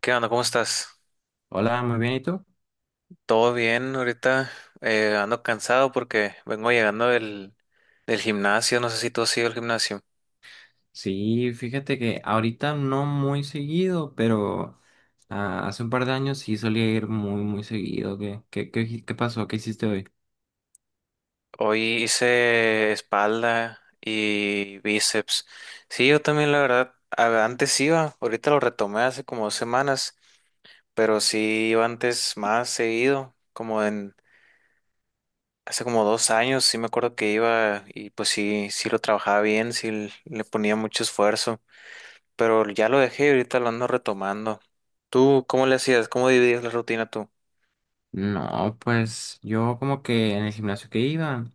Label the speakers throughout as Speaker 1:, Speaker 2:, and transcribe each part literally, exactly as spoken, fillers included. Speaker 1: ¿Qué onda? ¿Cómo estás?
Speaker 2: Hola, muy bien, ¿y tú?
Speaker 1: ¿Todo bien? Ahorita eh, ando cansado porque vengo llegando del, del gimnasio. No sé si tú has ido al gimnasio.
Speaker 2: Sí, fíjate que ahorita no muy seguido, pero ah, hace un par de años sí solía ir muy, muy seguido. ¿Qué, qué, qué, qué pasó? ¿Qué hiciste hoy?
Speaker 1: Hoy hice espalda y bíceps. Sí, yo también, la verdad, a- antes iba. Ahorita lo retomé hace como dos semanas, pero sí iba antes más seguido. Como en Hace como dos años, sí me acuerdo que iba y pues sí, sí lo trabajaba bien, sí l- le ponía mucho esfuerzo. Pero ya lo dejé y ahorita lo ando retomando. ¿Tú cómo le hacías? ¿Cómo dividías la rutina tú?
Speaker 2: No, pues yo como que en el gimnasio que iba.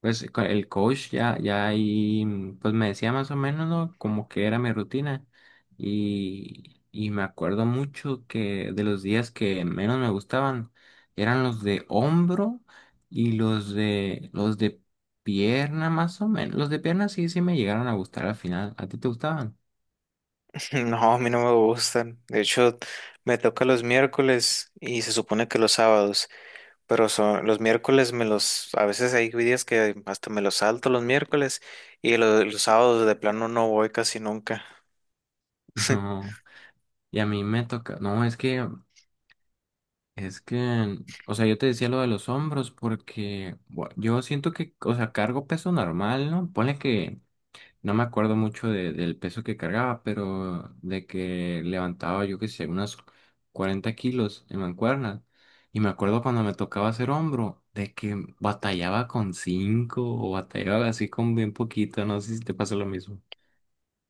Speaker 2: Pues con el coach ya, ya ahí, mm, pues me decía más o menos, ¿no? Como que era mi rutina. Y, y me acuerdo mucho que de los días que menos me gustaban eran los de hombro y los de, los de pierna, más o menos. Los de pierna sí, sí me llegaron a gustar al final. ¿A ti te gustaban?
Speaker 1: No, a mí no me gustan. De hecho, me toca los miércoles y se supone que los sábados, pero son los miércoles me los, a veces hay días que hasta me los salto los miércoles y lo- los sábados de plano no voy casi nunca.
Speaker 2: No. Y a mí me toca, no, es que, es que, o sea, yo te decía lo de los hombros porque bueno, yo siento que, o sea, cargo peso normal, ¿no? Ponle que no me acuerdo mucho de- del peso que cargaba, pero de que levantaba, yo qué sé, unas cuarenta kilos en mancuernas. Y me acuerdo cuando me tocaba hacer hombro, de que batallaba con cinco o batallaba así con bien poquito. No sé si te pasa lo mismo.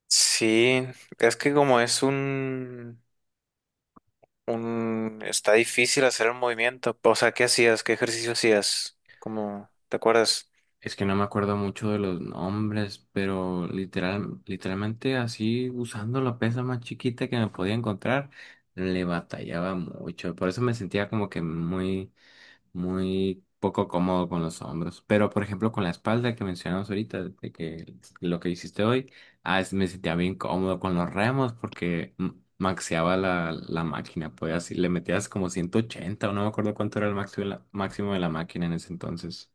Speaker 1: Sí, es que como es un, un, está difícil hacer el movimiento. O sea, ¿qué hacías? ¿Qué ejercicio hacías? Como, ¿te acuerdas?
Speaker 2: Es que no me acuerdo mucho de los nombres, pero literal, literalmente así usando la pesa más chiquita que me podía encontrar, le batallaba mucho. Por eso me sentía como que muy muy poco cómodo con los hombros. Pero, por ejemplo, con la espalda que mencionamos ahorita, de que lo que hiciste hoy, ah, es- me sentía bien cómodo con los remos porque mm, maxeaba la, la máquina, pues así le metías como ciento ochenta o no me acuerdo cuánto era el máximo de la, máximo de la máquina en ese entonces.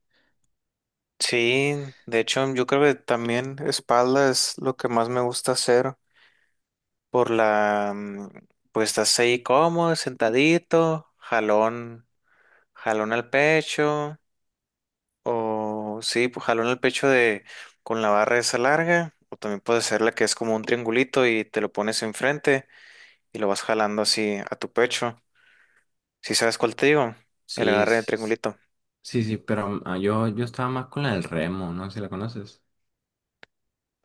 Speaker 1: Sí, de hecho yo creo que también espalda es lo que más me gusta hacer por la, mm, pues estás ahí cómodo, sentadito, jalón, jalón al pecho, o sí, pues jalón al pecho de con la barra esa larga, o también puede ser la que es como un triangulito y te lo pones enfrente y lo vas jalando así a tu pecho. ¿Si sabes cuál te digo? El
Speaker 2: Sí,
Speaker 1: agarre de
Speaker 2: s-
Speaker 1: triangulito.
Speaker 2: sí, sí, pero mm, ah, yo, yo estaba más con la del remo, no sé si la conoces.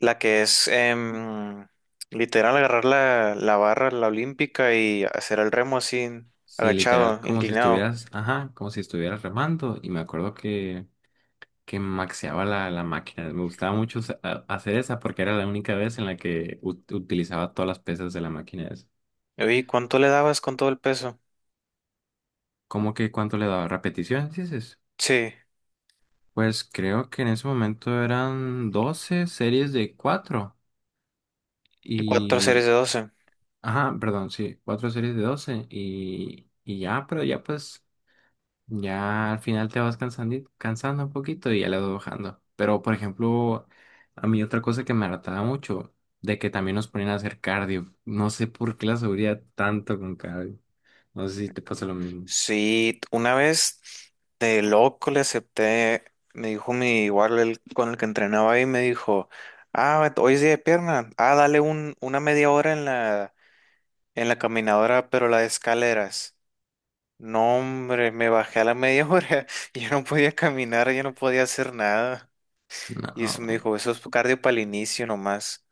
Speaker 1: La que es em, literal agarrar la, la barra, la olímpica y hacer el remo así,
Speaker 2: Sí,
Speaker 1: agachado,
Speaker 2: literal, como si
Speaker 1: inclinado.
Speaker 2: estuvieras, ajá, como si estuvieras remando. Y me acuerdo que que maxeaba la, la máquina. Me gustaba mucho sa- a- hacer esa porque era la única vez en la que ut- utilizaba todas las pesas de la máquina esa.
Speaker 1: Oye, ¿cuánto le dabas con todo el peso?
Speaker 2: ¿Cómo que cuánto le daba? ¿Repeticiones, dices?
Speaker 1: Sí,
Speaker 2: Pues creo que en ese momento eran doce series de cuatro
Speaker 1: cuatro series
Speaker 2: y...
Speaker 1: de doce.
Speaker 2: Ajá, perdón, sí, cuatro series de doce y, y ya, pero ya pues ya al final te vas cansando, cansando un poquito y ya le vas bajando. Pero, por ejemplo, a mí otra cosa que me hartaba mucho, de que también nos ponían a hacer cardio. No sé por qué la seguridad tanto con cardio. No sé si te pasa lo mismo.
Speaker 1: Sí, una vez de loco le acepté, me dijo mi igual el, con el que entrenaba ahí, me dijo, ah, hoy es día de pierna, ah, dale un, una media hora en la, en la caminadora, pero la de escaleras. No, hombre, me bajé a la media hora. Yo no podía caminar, yo no podía hacer nada. Y eso me
Speaker 2: No,
Speaker 1: dijo, eso es cardio para el inicio nomás.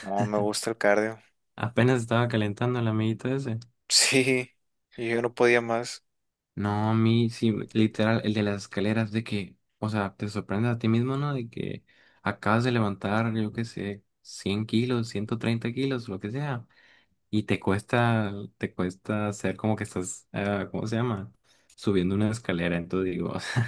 Speaker 1: No, me gusta el cardio.
Speaker 2: apenas estaba calentando el amiguito ese.
Speaker 1: Sí, y yo no podía más.
Speaker 2: No, a mí sí, literal, el de las escaleras, de que, o sea, te sorprendes a ti mismo, ¿no? De que acabas de levantar, yo qué sé, cien kilos, ciento treinta kilos, lo que sea. Y te cuesta, te cuesta hacer como que estás, eh, ¿cómo se llama? Subiendo una escalera. Entonces digo, o sea,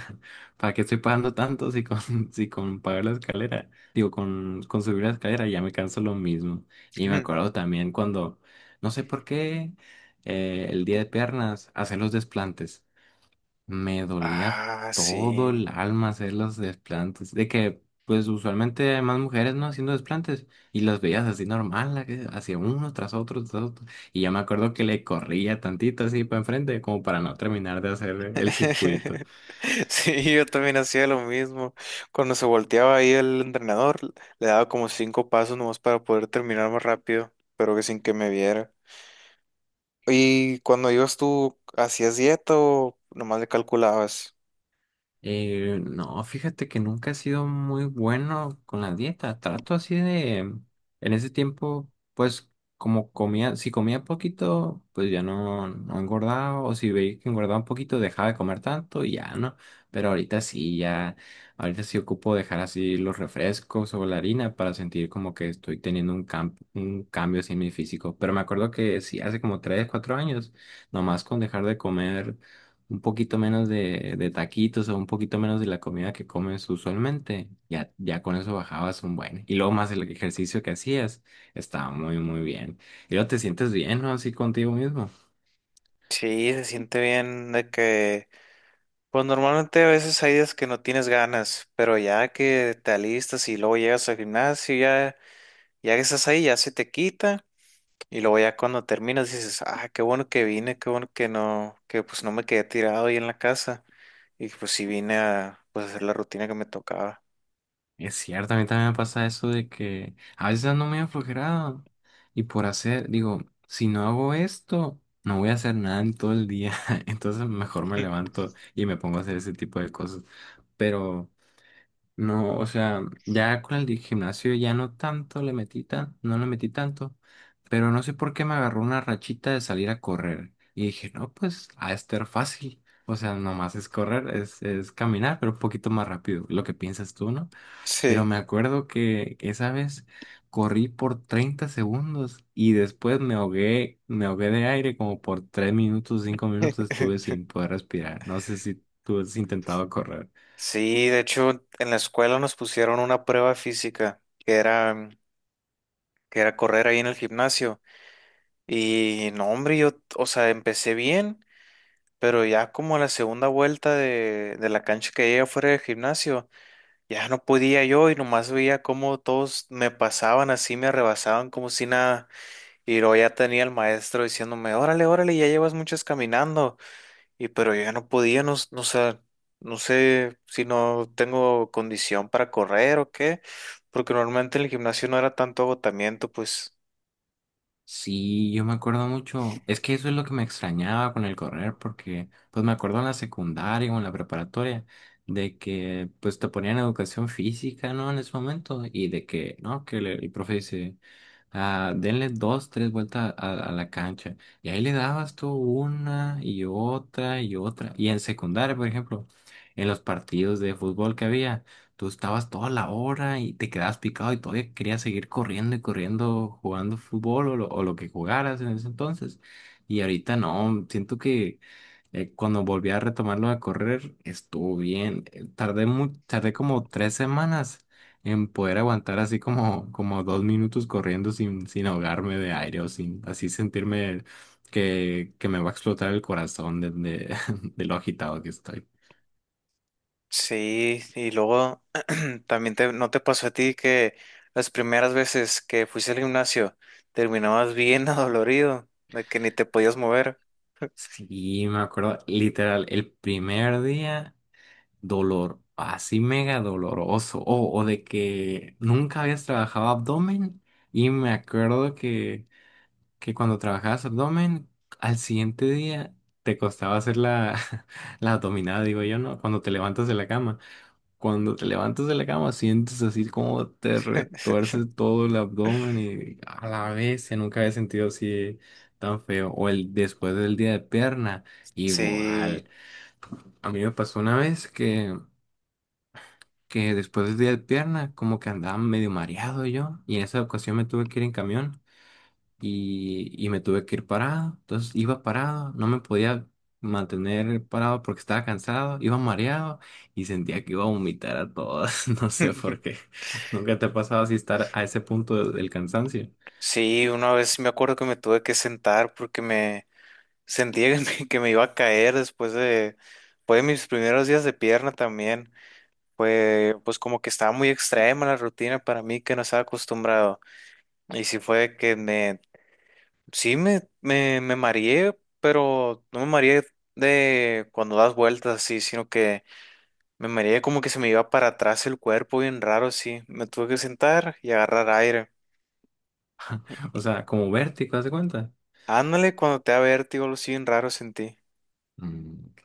Speaker 2: ¿para qué estoy pagando tanto si con, si con pagar la escalera? Digo, con, con subir la escalera ya me canso lo mismo. Y me acuerdo también cuando, no sé por qué, eh, el día de piernas, hacer los desplantes. Me dolía
Speaker 1: Ah,
Speaker 2: todo
Speaker 1: sí.
Speaker 2: el alma hacer los desplantes. De que, pues usualmente hay más mujeres, ¿no? Haciendo desplantes. Y las veías así normal, la que hacía uno tras otro, tras otro. Y ya me acuerdo que le corría tantito así para enfrente, como para no terminar de hacer el circuito.
Speaker 1: Sí, yo también hacía lo mismo. Cuando se volteaba ahí el entrenador, le daba como cinco pasos nomás para poder terminar más rápido, pero que sin que me viera. ¿Y cuando ibas tú, hacías dieta o nomás le calculabas?
Speaker 2: Eh, no, fíjate que nunca he sido muy bueno con la dieta. Trato así de, en ese tiempo, pues como comía, si comía poquito, pues ya no, no engordaba, o si veía que engordaba un poquito, dejaba de comer tanto y ya no. Pero ahorita sí, ya, ahorita sí ocupo dejar así los refrescos o la harina para sentir como que estoy teniendo un, cam- un cambio así en mi físico. Pero me acuerdo que sí, hace como tres, cuatro años, nomás con dejar de comer un poquito menos de, de taquitos o un poquito menos de la comida que comes usualmente, ya, ya con eso bajabas un buen. Y luego más el ejercicio que hacías, estaba muy, muy bien. Y luego te sientes bien, ¿no? Así contigo mismo.
Speaker 1: Sí, se siente bien de que, pues normalmente a veces hay días que no tienes ganas, pero ya que te alistas y luego llegas al gimnasio, ya, ya que estás ahí, ya se te quita y luego ya cuando terminas dices, ah, qué bueno que vine, qué bueno que no, que pues no me quedé tirado ahí en la casa y pues sí vine a pues, hacer la rutina que me tocaba.
Speaker 2: Es cierto, a mí también me pasa eso de que a veces ando muy aflojerado y por hacer, digo, si no hago esto, no voy a hacer nada en todo el día. Entonces mejor me levanto y me pongo a hacer ese tipo de cosas. Pero... No, o sea, ya con el di- gimnasio ya no tanto le metí tan, no le metí tanto, pero no sé por qué me agarró una rachita de salir a correr. Y dije, no, pues a estar fácil. O sea, nomás es correr, es, es caminar, pero un poquito más rápido, lo que piensas tú, ¿no? Pero
Speaker 1: Sí.
Speaker 2: me acuerdo que esa vez corrí por treinta segundos y después me ahogué, me ahogué de aire como por tres minutos, cinco minutos, estuve sin poder respirar. No sé si tú has intentado correr.
Speaker 1: Sí, de hecho, en la escuela nos pusieron una prueba física que era, que era correr ahí en el gimnasio. Y no, hombre, yo, o sea, empecé bien, pero ya como a la segunda vuelta de, de la cancha que llegué fuera del gimnasio, ya no podía yo y nomás veía cómo todos me pasaban así, me rebasaban como si nada. Y luego ya tenía el maestro diciéndome, órale, órale, ya llevas muchas caminando. Y pero yo ya no podía, no, s- no, sé, no sé si no tengo condición para correr o qué, porque normalmente en el gimnasio no era tanto agotamiento, pues.
Speaker 2: Sí, yo me acuerdo mucho. Es que eso es lo que me extrañaba con el correr, porque pues me acuerdo en la secundaria o en la preparatoria de que pues te ponían educación física, ¿no? En ese momento y de que, ¿no? Que le- el profe dice, ah, denle dos, tres vueltas a, a la cancha. Y ahí le dabas tú una y otra y otra. Y en secundaria, por ejemplo, en los partidos de fútbol que había. Tú estabas toda la hora y te quedabas picado y todavía querías seguir corriendo y corriendo, jugando fútbol o lo, o lo que jugaras en ese entonces. Y ahorita no, siento que eh, cuando volví a retomarlo de correr, estuvo bien. Eh, Tardé mu- tardé como tres semanas en poder aguantar así como, como dos minutos corriendo sin, sin ahogarme de aire o sin así sentirme que, que me va a explotar el corazón de, de, de lo agitado que estoy.
Speaker 1: Sí, y luego también te, ¿no te pasó a ti que las primeras veces que fuiste al gimnasio terminabas bien adolorido, de que ni te podías mover?
Speaker 2: Sí, me acuerdo, literal, el primer día, dolor, así mega doloroso, o, o de que nunca habías trabajado abdomen, y me acuerdo que, que cuando trabajabas abdomen, al siguiente día te costaba hacer la, la abdominada, digo yo, ¿no? Cuando te levantas de la cama. Cuando te levantas de la cama, sientes así como te retuerce todo el abdomen y a la vez, ya nunca había sentido así tan feo. O el después del día de pierna,
Speaker 1: Sí,
Speaker 2: igual. A mí me pasó una vez que, que después del día de pierna, como que andaba medio mareado yo, y, en esa ocasión me tuve que ir en camión y, y me tuve que ir parado. Entonces iba parado, no me podía mantener parado porque estaba cansado, iba mareado y sentía que iba a vomitar a todas. No sé por qué. Nunca te ha pasado así estar a ese punto de- del cansancio.
Speaker 1: sí, una vez me acuerdo que me tuve que sentar porque me sentía que me, que me iba a caer después de, fue de mis primeros días de pierna también. Fue, pues como que estaba muy extrema la rutina para mí que no estaba acostumbrado. Y sí fue que me. Sí, me, me, me mareé, pero no me mareé de cuando das vueltas así, sino que me mareé como que se me iba para atrás el cuerpo bien raro así. Me tuve que sentar y agarrar aire.
Speaker 2: O sea, como vértigo, ¿haz de cuenta?
Speaker 1: Ándale, cuando te da vértigo, algo así bien raro sentí.
Speaker 2: Mm, ok.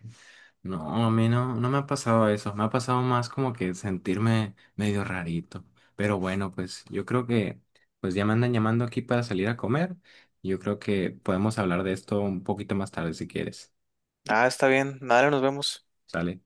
Speaker 2: No, a mí no, no me ha pasado eso. Me ha pasado más como que sentirme medio rarito. Pero bueno, pues yo creo que pues ya me andan llamando aquí para salir a comer. Yo creo que podemos hablar de esto un poquito más tarde si quieres.
Speaker 1: Ah, está bien. Dale, nos vemos.
Speaker 2: ¿Sale?